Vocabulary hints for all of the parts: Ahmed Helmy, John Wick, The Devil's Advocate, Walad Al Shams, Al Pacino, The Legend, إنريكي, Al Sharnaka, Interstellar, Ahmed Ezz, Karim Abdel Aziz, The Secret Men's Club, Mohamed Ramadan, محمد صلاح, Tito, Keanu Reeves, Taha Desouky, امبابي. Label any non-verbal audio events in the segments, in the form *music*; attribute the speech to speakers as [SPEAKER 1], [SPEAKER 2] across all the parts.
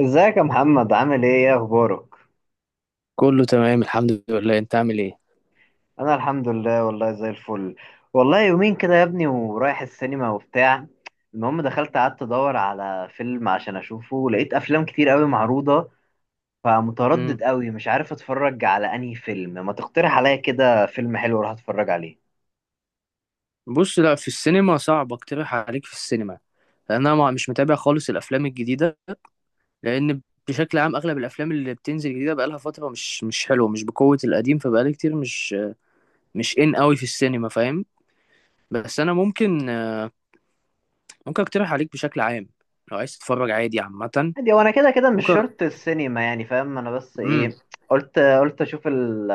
[SPEAKER 1] ازيك يا محمد، عامل ايه اخبارك؟
[SPEAKER 2] كله تمام الحمد لله. انت عامل ايه؟
[SPEAKER 1] انا الحمد لله، والله زي الفل. والله يومين كده يا ابني ورايح السينما وبتاع. المهم دخلت، قعدت ادور على فيلم عشان اشوفه، لقيت افلام كتير قوي معروضة،
[SPEAKER 2] امم
[SPEAKER 1] فمتردد قوي، مش عارف اتفرج على انهي فيلم. ما تقترح عليا كده فيلم حلو اروح اتفرج عليه؟
[SPEAKER 2] بص، لا، في السينما صعب اقترح عليك. في السينما لان انا مش متابع خالص الافلام الجديده. لان بشكل عام اغلب الافلام اللي بتنزل جديده بقالها فتره مش حلوه، مش بقوه القديم، فبقالي كتير مش ان قوي في السينما، فاهم؟ بس انا ممكن، ممكن اقترح عليك بشكل عام لو عايز تتفرج عادي عامه.
[SPEAKER 1] عادي، هو انا كده كده مش
[SPEAKER 2] ممكن.
[SPEAKER 1] شرط السينما، يعني فاهم، انا بس
[SPEAKER 2] امم
[SPEAKER 1] ايه، قلت اشوف ال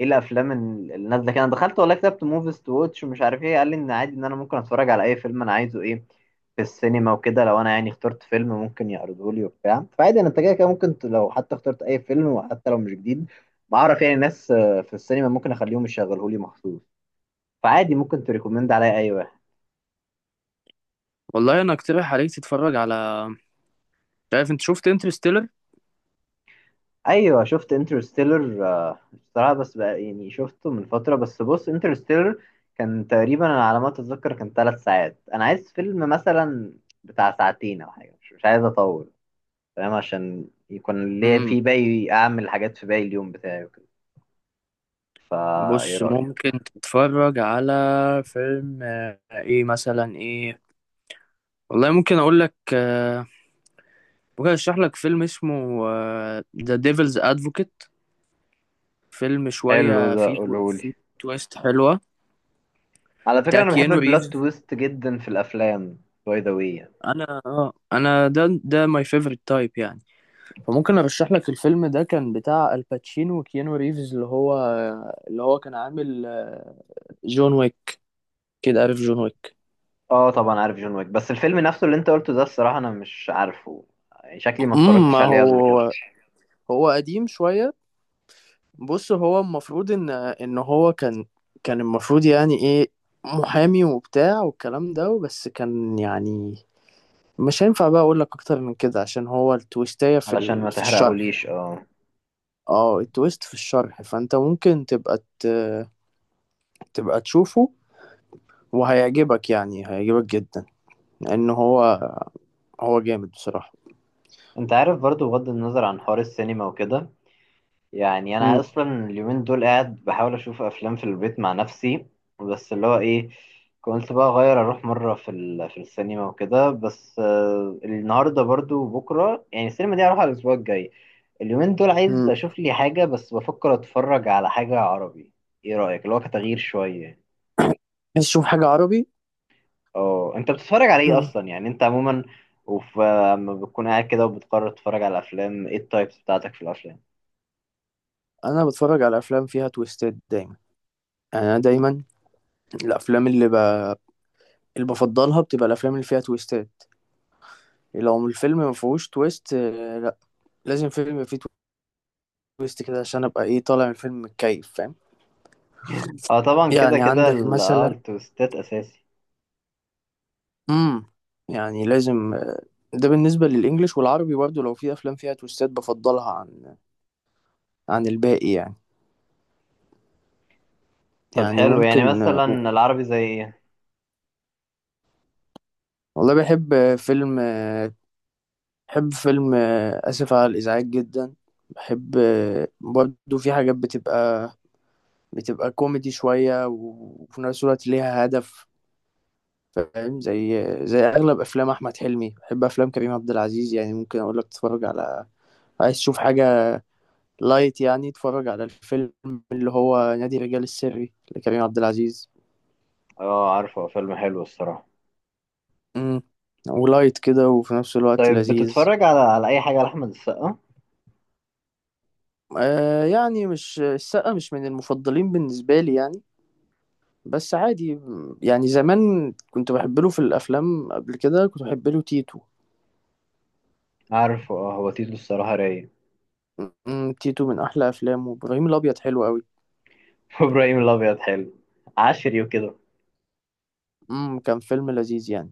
[SPEAKER 1] ايه الافلام ال- اللي نازله كده. انا دخلت والله، كتبت موفيز تو واتش ومش عارف ايه، قال لي ان عادي ان انا ممكن اتفرج على اي فيلم انا عايزه، ايه في السينما وكده. لو انا يعني اخترت فيلم ممكن يعرضه لي وبتاع، فعادي، انا انت كده كده ممكن لو حتى اخترت اي فيلم وحتى لو مش جديد، بعرف يعني ناس في السينما ممكن اخليهم يشغلهولي مخصوص. فعادي، ممكن تريكومند عليا اي واحد.
[SPEAKER 2] والله انا اقترح عليك تتفرج على، مش عارف، انت شفت انترستيلر؟
[SPEAKER 1] ايوه، شفت انترستيلر. بصراحه بس بقى يعني شفته من فتره. بس بص، انترستيلر كان تقريبا، انا على ما اتذكر كان ثلاث ساعات. انا عايز فيلم مثلا بتاع ساعتين او حاجه، مش عايز اطول، فاهم، عشان يكون ليا في باقي اعمل حاجات في باقي اليوم بتاعي وكده. فا ايه
[SPEAKER 2] بص،
[SPEAKER 1] رايك؟
[SPEAKER 2] ممكن تتفرج على فيلم، ايه مثلا ايه؟ والله ممكن اقول لك، ممكن اشرح لك فيلم اسمه ذا ديفلز ادفوكيت. فيلم
[SPEAKER 1] حلو
[SPEAKER 2] شوية
[SPEAKER 1] ده،
[SPEAKER 2] فيه
[SPEAKER 1] قولولي.
[SPEAKER 2] فيه تويست حلوة.
[SPEAKER 1] على فكره،
[SPEAKER 2] بتاع
[SPEAKER 1] انا بحب
[SPEAKER 2] كيانو
[SPEAKER 1] البلوت
[SPEAKER 2] ريفز.
[SPEAKER 1] تويست جدا في الافلام. باي ذا واي،
[SPEAKER 2] انا اه، انا ده ماي فيفورت تايب يعني. فممكن ارشح لك الفيلم ده. كان بتاع الباتشينو وكيانو ريفز، اللي هو كان عامل، جون ويك، كده عارف جون ويك.
[SPEAKER 1] اه طبعا عارف جون ويك، بس الفيلم نفسه اللي انت قلته ده الصراحه انا مش عارفه، يعني شكلي ما
[SPEAKER 2] ما
[SPEAKER 1] اتفرجتش عليه قبل كده.
[SPEAKER 2] هو هو قديم شوية. بص، هو المفروض ان هو كان، كان المفروض يعني ايه، محامي وبتاع والكلام ده، بس كان يعني مش هينفع بقى اقول لك اكتر من كده عشان هو التويستاية في
[SPEAKER 1] علشان ما
[SPEAKER 2] ال... في الشرح
[SPEAKER 1] تحرقهوليش،
[SPEAKER 2] يعني.
[SPEAKER 1] اه.
[SPEAKER 2] اه التويست في الشرح، فانت ممكن تبقى ت... تبقى تشوفه وهيعجبك، يعني هيعجبك جدا لان هو، هو جامد بصراحة.
[SPEAKER 1] انت عارف برضو، بغض النظر عن حوار السينما وكده، يعني انا
[SPEAKER 2] امم
[SPEAKER 1] اصلا اليومين دول قاعد بحاول اشوف افلام في البيت مع نفسي. بس اللي هو ايه، كنت بقى اغير اروح مره في السينما وكده. بس النهارده برضو وبكره، يعني السينما دي هروح على الاسبوع الجاي. اليومين دول عايز
[SPEAKER 2] امم
[SPEAKER 1] اشوف لي حاجه، بس بفكر اتفرج على حاجه عربي. ايه رايك؟ اللي هو كتغيير شويه.
[SPEAKER 2] عايز تشوف حاجة عربي؟
[SPEAKER 1] اه، انت بتتفرج على ايه
[SPEAKER 2] مم.
[SPEAKER 1] اصلا، يعني انت عموما وفي، لما بتكون قاعد كده وبتقرر تتفرج على افلام، ايه التايبس بتاعتك في الافلام؟
[SPEAKER 2] انا بتفرج على افلام فيها تويستات دايما. يعني انا دايما الافلام اللي ب... اللي بفضلها بتبقى الافلام اللي فيها تويستات. لو الفيلم ما فيهوش تويست، لا، لازم فيلم يبقى فيه تويست كده عشان ابقى ايه طالع من الفيلم متكيف، فاهم؟
[SPEAKER 1] اه طبعا كده
[SPEAKER 2] يعني
[SPEAKER 1] كده
[SPEAKER 2] عندك
[SPEAKER 1] اه
[SPEAKER 2] مثلا،
[SPEAKER 1] التويستات اساسي.
[SPEAKER 2] امم يعني لازم، ده بالنسبة للإنجليش والعربي برضه، لو في أفلام فيها تويستات بفضلها عن عن الباقي يعني.
[SPEAKER 1] طب
[SPEAKER 2] يعني
[SPEAKER 1] حلو، يعني
[SPEAKER 2] ممكن،
[SPEAKER 1] مثلا العربي زي ايه؟
[SPEAKER 2] والله بحب فيلم، بحب فيلم، آسف على الإزعاج جدا. بحب، برضه في حاجات بتبقى، بتبقى كوميدي شوية وفي نفس الوقت ليها هدف. فاهم؟ زي زي اغلب افلام احمد حلمي. بحب افلام كريم عبد العزيز. يعني ممكن اقول لك تتفرج على، عايز تشوف حاجه لايت يعني، اتفرج على الفيلم اللي هو نادي الرجال السري لكريم عبد العزيز.
[SPEAKER 1] اه عارفه، فيلم حلو الصراحه.
[SPEAKER 2] امم ولايت كده وفي نفس الوقت
[SPEAKER 1] طيب،
[SPEAKER 2] لذيذ.
[SPEAKER 1] بتتفرج على اي حاجه لاحمد السقا؟
[SPEAKER 2] آه، يعني مش السقا، مش من المفضلين بالنسبه لي يعني، بس عادي. يعني زمان كنت بحب له في الافلام. قبل كده كنت بحب له تيتو.
[SPEAKER 1] عارفه، اه، هو تيتو الصراحه رايق.
[SPEAKER 2] أمم، تيتو من احلى افلامه. وابراهيم الابيض حلو قوي.
[SPEAKER 1] *laughs* وابراهيم الابيض حلو، عشري وكده.
[SPEAKER 2] كان فيلم لذيذ يعني.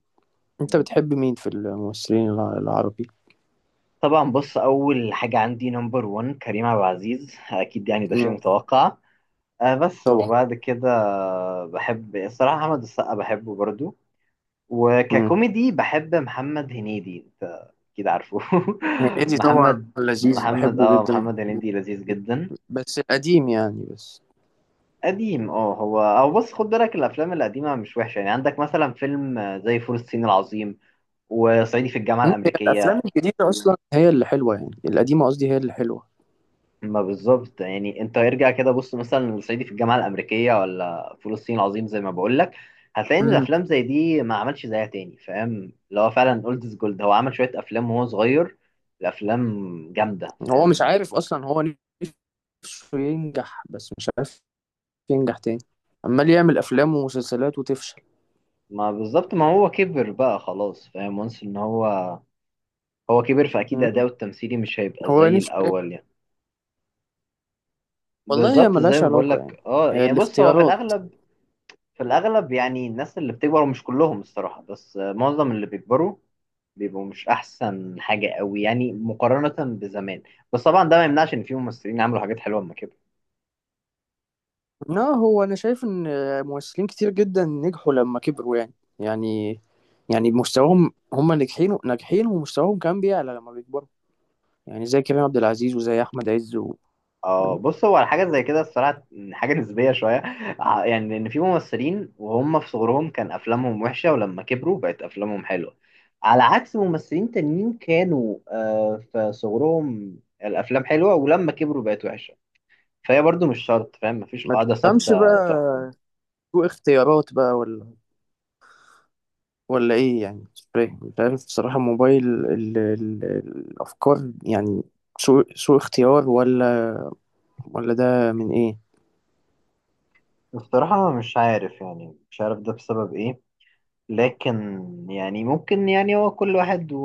[SPEAKER 2] انت بتحب مين في الممثلين العربي؟
[SPEAKER 1] طبعا بص، اول حاجه عندي نمبر 1 كريم عبد العزيز اكيد، يعني ده شيء
[SPEAKER 2] مم.
[SPEAKER 1] متوقع. آه بس،
[SPEAKER 2] طبعا.
[SPEAKER 1] وبعد كده بحب الصراحة أحمد السقا، بحبه برضو.
[SPEAKER 2] مم.
[SPEAKER 1] وككوميدي بحب محمد هنيدي، أنت أكيد عارفه. *laughs*
[SPEAKER 2] هنيدي طبعا
[SPEAKER 1] محمد
[SPEAKER 2] لذيذ،
[SPEAKER 1] محمد
[SPEAKER 2] بحبه
[SPEAKER 1] اه
[SPEAKER 2] جدا.
[SPEAKER 1] محمد هنيدي لذيذ جدا.
[SPEAKER 2] بس القديم يعني، بس.
[SPEAKER 1] قديم، اه، هو او بص، خد بالك الأفلام القديمة مش وحشة. يعني عندك مثلا فيلم زي فول الصين العظيم، وصعيدي في الجامعة
[SPEAKER 2] مم، هي الافلام
[SPEAKER 1] الأمريكية.
[SPEAKER 2] الجديده اصلا هي اللي حلوه، يعني القديمه قصدي هي اللي حلوه.
[SPEAKER 1] ما بالظبط، يعني انت ارجع كده بص مثلا لصعيدي في الجامعه الامريكيه ولا فول الصين العظيم، زي ما بقول لك هتلاقي ان
[SPEAKER 2] مم.
[SPEAKER 1] الافلام زي دي ما عملش زيها تاني، فاهم، اللي هو فعلا اولد از جولد. هو عمل شويه افلام وهو صغير، الافلام جامده،
[SPEAKER 2] هو مش
[SPEAKER 1] فاهم.
[SPEAKER 2] عارف اصلا هو نفسه ينجح. بس مش عارف ينجح تاني. عمال يعمل افلام ومسلسلات وتفشل.
[SPEAKER 1] ما بالظبط، ما هو كبر بقى خلاص، فاهم، وانس ان هو كبر، فاكيد
[SPEAKER 2] مم.
[SPEAKER 1] اداؤه التمثيلي مش هيبقى
[SPEAKER 2] هو
[SPEAKER 1] زي
[SPEAKER 2] نفسه يعني.
[SPEAKER 1] الاول يعني.
[SPEAKER 2] والله هي
[SPEAKER 1] بالظبط، زي
[SPEAKER 2] ملهاش
[SPEAKER 1] ما بقول
[SPEAKER 2] علاقه يعني،
[SPEAKER 1] لك، اه
[SPEAKER 2] هي
[SPEAKER 1] يعني بص، هو في
[SPEAKER 2] الاختيارات.
[SPEAKER 1] الاغلب، في الاغلب يعني الناس اللي بتكبر مش كلهم الصراحه، بس معظم اللي بيكبروا بيبقوا مش احسن حاجه قوي يعني، مقارنه بزمان. بس طبعا ده ما يمنعش ان في ممثلين عملوا حاجات حلوه اما كده.
[SPEAKER 2] لا، هو انا شايف ان ممثلين كتير جدا نجحوا لما كبروا يعني. يعني يعني مستواهم، هم ناجحين، ناجحين ومستواهم كمان بيعلى لما بيكبروا. يعني زي كريم عبد العزيز وزي احمد عز و...
[SPEAKER 1] اه
[SPEAKER 2] فاهم؟
[SPEAKER 1] بص، هو على حاجه زي كده الصراحه *laughs* حاجه نسبيه شويه. يعني ان في ممثلين وهم في صغرهم كان افلامهم وحشه ولما كبروا بقت افلامهم حلوه، على عكس ممثلين تانيين كانوا في صغرهم الافلام حلوه ولما كبروا بقت وحشه. فهي برضو مش شرط، فاهم، مفيش
[SPEAKER 2] ما
[SPEAKER 1] قاعده
[SPEAKER 2] تفهمش بقى،
[SPEAKER 1] ثابته تحكم.
[SPEAKER 2] اختيارات بقى ولا ولا ايه يعني، مش فاهم. انت عارف بصراحة موبايل ال... ال... الافكار يعني، سوء اختيار ولا ولا ده من ايه.
[SPEAKER 1] الصراحه مش عارف، يعني مش عارف ده بسبب ايه، لكن يعني ممكن، يعني هو كل واحد و...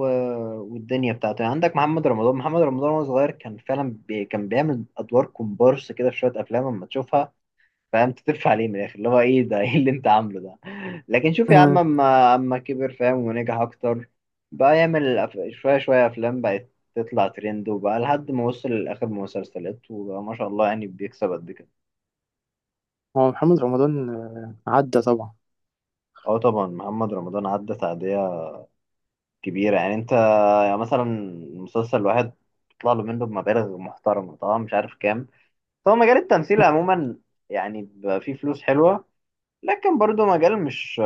[SPEAKER 1] والدنيا بتاعته. يعني عندك محمد رمضان، محمد رمضان وهو صغير كان فعلا بي... كان بيعمل ادوار كومبارس كده في شويه افلام اما تشوفها، فاهم، تترفع عليه من الاخر، اللي هو ايه ده *laughs* ايه اللي انت عامله ده. لكن شوف يا عم،
[SPEAKER 2] مم.
[SPEAKER 1] اما اما كبر، فاهم، ونجح اكتر، بقى يعمل أف... شويه شويه افلام بقت تطلع ترند، وبقى لحد ما وصل لاخر مسلسلات وبقى ما شاء الله يعني بيكسب قد كده.
[SPEAKER 2] هو محمد رمضان عدى طبعا.
[SPEAKER 1] اه طبعا محمد رمضان عدى تعدية كبيرة. يعني انت، يعني مثلا المسلسل الواحد بيطلع له منه بمبالغ محترمة، طبعا مش عارف كام. هو مجال التمثيل عموما يعني بيبقى فيه فلوس حلوة، لكن برضه مجال مش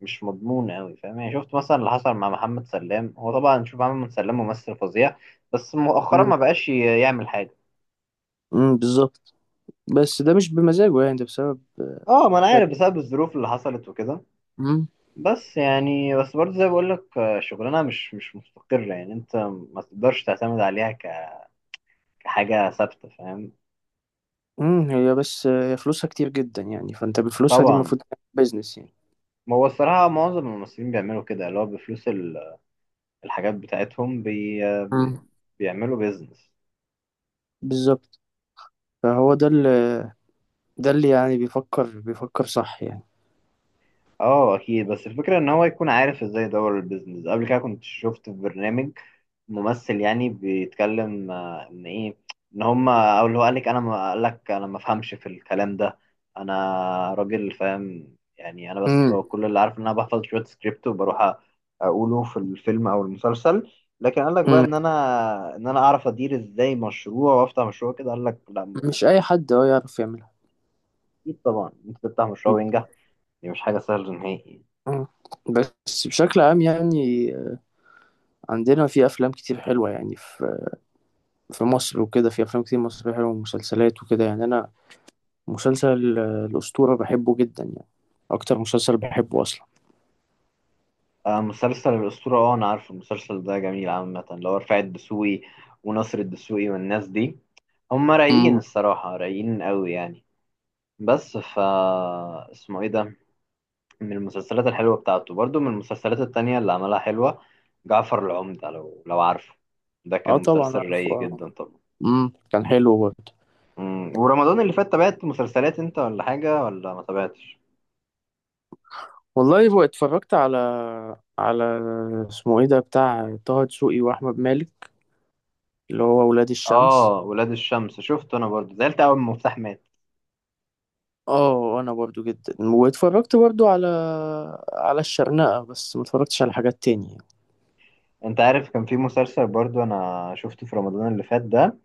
[SPEAKER 1] مش مضمون قوي، فاهم. يعني شفت مثلا اللي حصل مع محمد سلام، هو طبعا شوف، محمد سلام ممثل فظيع، بس مؤخرا
[SPEAKER 2] مم.
[SPEAKER 1] ما بقاش يعمل حاجة.
[SPEAKER 2] مم، بالظبط. بس ده مش بمزاجه يعني، ده بسبب،
[SPEAKER 1] اه ما انا
[SPEAKER 2] حاجات.
[SPEAKER 1] عارف، بسبب الظروف اللي حصلت وكده.
[SPEAKER 2] مم.
[SPEAKER 1] بس يعني، بس برضه زي ما بقول لك، شغلانة مش مستقرة، يعني انت ما تقدرش تعتمد عليها كحاجة ثابتة، فاهم.
[SPEAKER 2] هي بس، هي فلوسها كتير جدا يعني، فانت بفلوسها دي
[SPEAKER 1] طبعا،
[SPEAKER 2] المفروض تعمل بيزنس يعني.
[SPEAKER 1] ما هو الصراحة معظم الممثلين بيعملوا كده، اللي هو بفلوس الحاجات بتاعتهم بي-
[SPEAKER 2] مم.
[SPEAKER 1] بيعملوا بيزنس.
[SPEAKER 2] بالظبط. فهو ده اللي، ده اللي يعني بيفكر صح يعني.
[SPEAKER 1] اه اكيد، بس الفكره ان هو يكون عارف ازاي يدور البيزنس. قبل كده كنت شفت في برنامج ممثل يعني بيتكلم ان ايه، ان هم او اللي هو قال لك انا ما فهمش في الكلام ده. انا راجل، فاهم، يعني انا بس،
[SPEAKER 2] امم
[SPEAKER 1] هو كل اللي عارف ان انا بحفظ شويه سكريبت وبروح اقوله في الفيلم او المسلسل، لكن قال لك بقى
[SPEAKER 2] امم
[SPEAKER 1] ان انا اعرف ادير ازاي مشروع وافتح مشروع كده، قال لك لا ما بفهمش.
[SPEAKER 2] مش اي حد اه يعرف يعملها.
[SPEAKER 1] اكيد طبعا، انت تفتح مشروع
[SPEAKER 2] مم.
[SPEAKER 1] وينجح، دي مش حاجه سهله نهائي.
[SPEAKER 2] مم. بس بشكل عام يعني، عندنا في افلام كتير حلوه يعني. في في مصر وكده في افلام كتير مصريه حلوه ومسلسلات وكده يعني. انا مسلسل، الاسطوره بحبه جدا يعني، اكتر مسلسل بحبه
[SPEAKER 1] آه، مسلسل الأسطورة، اه أنا عارف المسلسل ده، جميل عامة، اللي هو رفاعي الدسوقي وناصر الدسوقي والناس دي، هم رايقين
[SPEAKER 2] اصلا.
[SPEAKER 1] الصراحة، رايقين قوي يعني. بس اسمه ايه ده، من المسلسلات الحلوة بتاعته. برضو من المسلسلات التانية اللي عملها حلوة، جعفر العمدة لو عارفه. ده كان
[SPEAKER 2] اه طبعا
[SPEAKER 1] مسلسل
[SPEAKER 2] عارفه،
[SPEAKER 1] رايق
[SPEAKER 2] اه.
[SPEAKER 1] جدا طبعا.
[SPEAKER 2] كان حلو برضه.
[SPEAKER 1] مم، ورمضان اللي فات تابعت مسلسلات انت، ولا حاجة ولا ما تابعتش؟
[SPEAKER 2] والله بقى اتفرجت على، على، اسمه ايه ده، بتاع طه دسوقي واحمد مالك، اللي هو ولاد الشمس.
[SPEAKER 1] اه ولاد الشمس شفته انا برضو، زعلت اول ما مفتاح مات.
[SPEAKER 2] اه، انا برضو جدا. واتفرجت برضو على، على الشرنقة، بس ما اتفرجتش على حاجات تانية.
[SPEAKER 1] انت عارف، كان في مسلسل برضو انا شفته في رمضان اللي فات ده،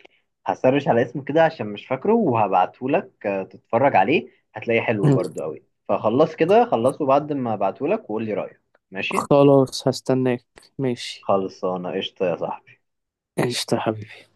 [SPEAKER 1] هسرش على اسمه كده عشان مش فاكره، وهبعته لك تتفرج عليه، هتلاقيه
[SPEAKER 2] *clears throat*
[SPEAKER 1] حلو
[SPEAKER 2] مم.
[SPEAKER 1] برضو قوي. فخلص كده، خلصه بعد ما ابعته لك وقول لي رأيك. ماشي.
[SPEAKER 2] خلاص هستناك. ماشي.
[SPEAKER 1] خلصانه، قشطة يا صاحبي.
[SPEAKER 2] قشطة يا حبيبي.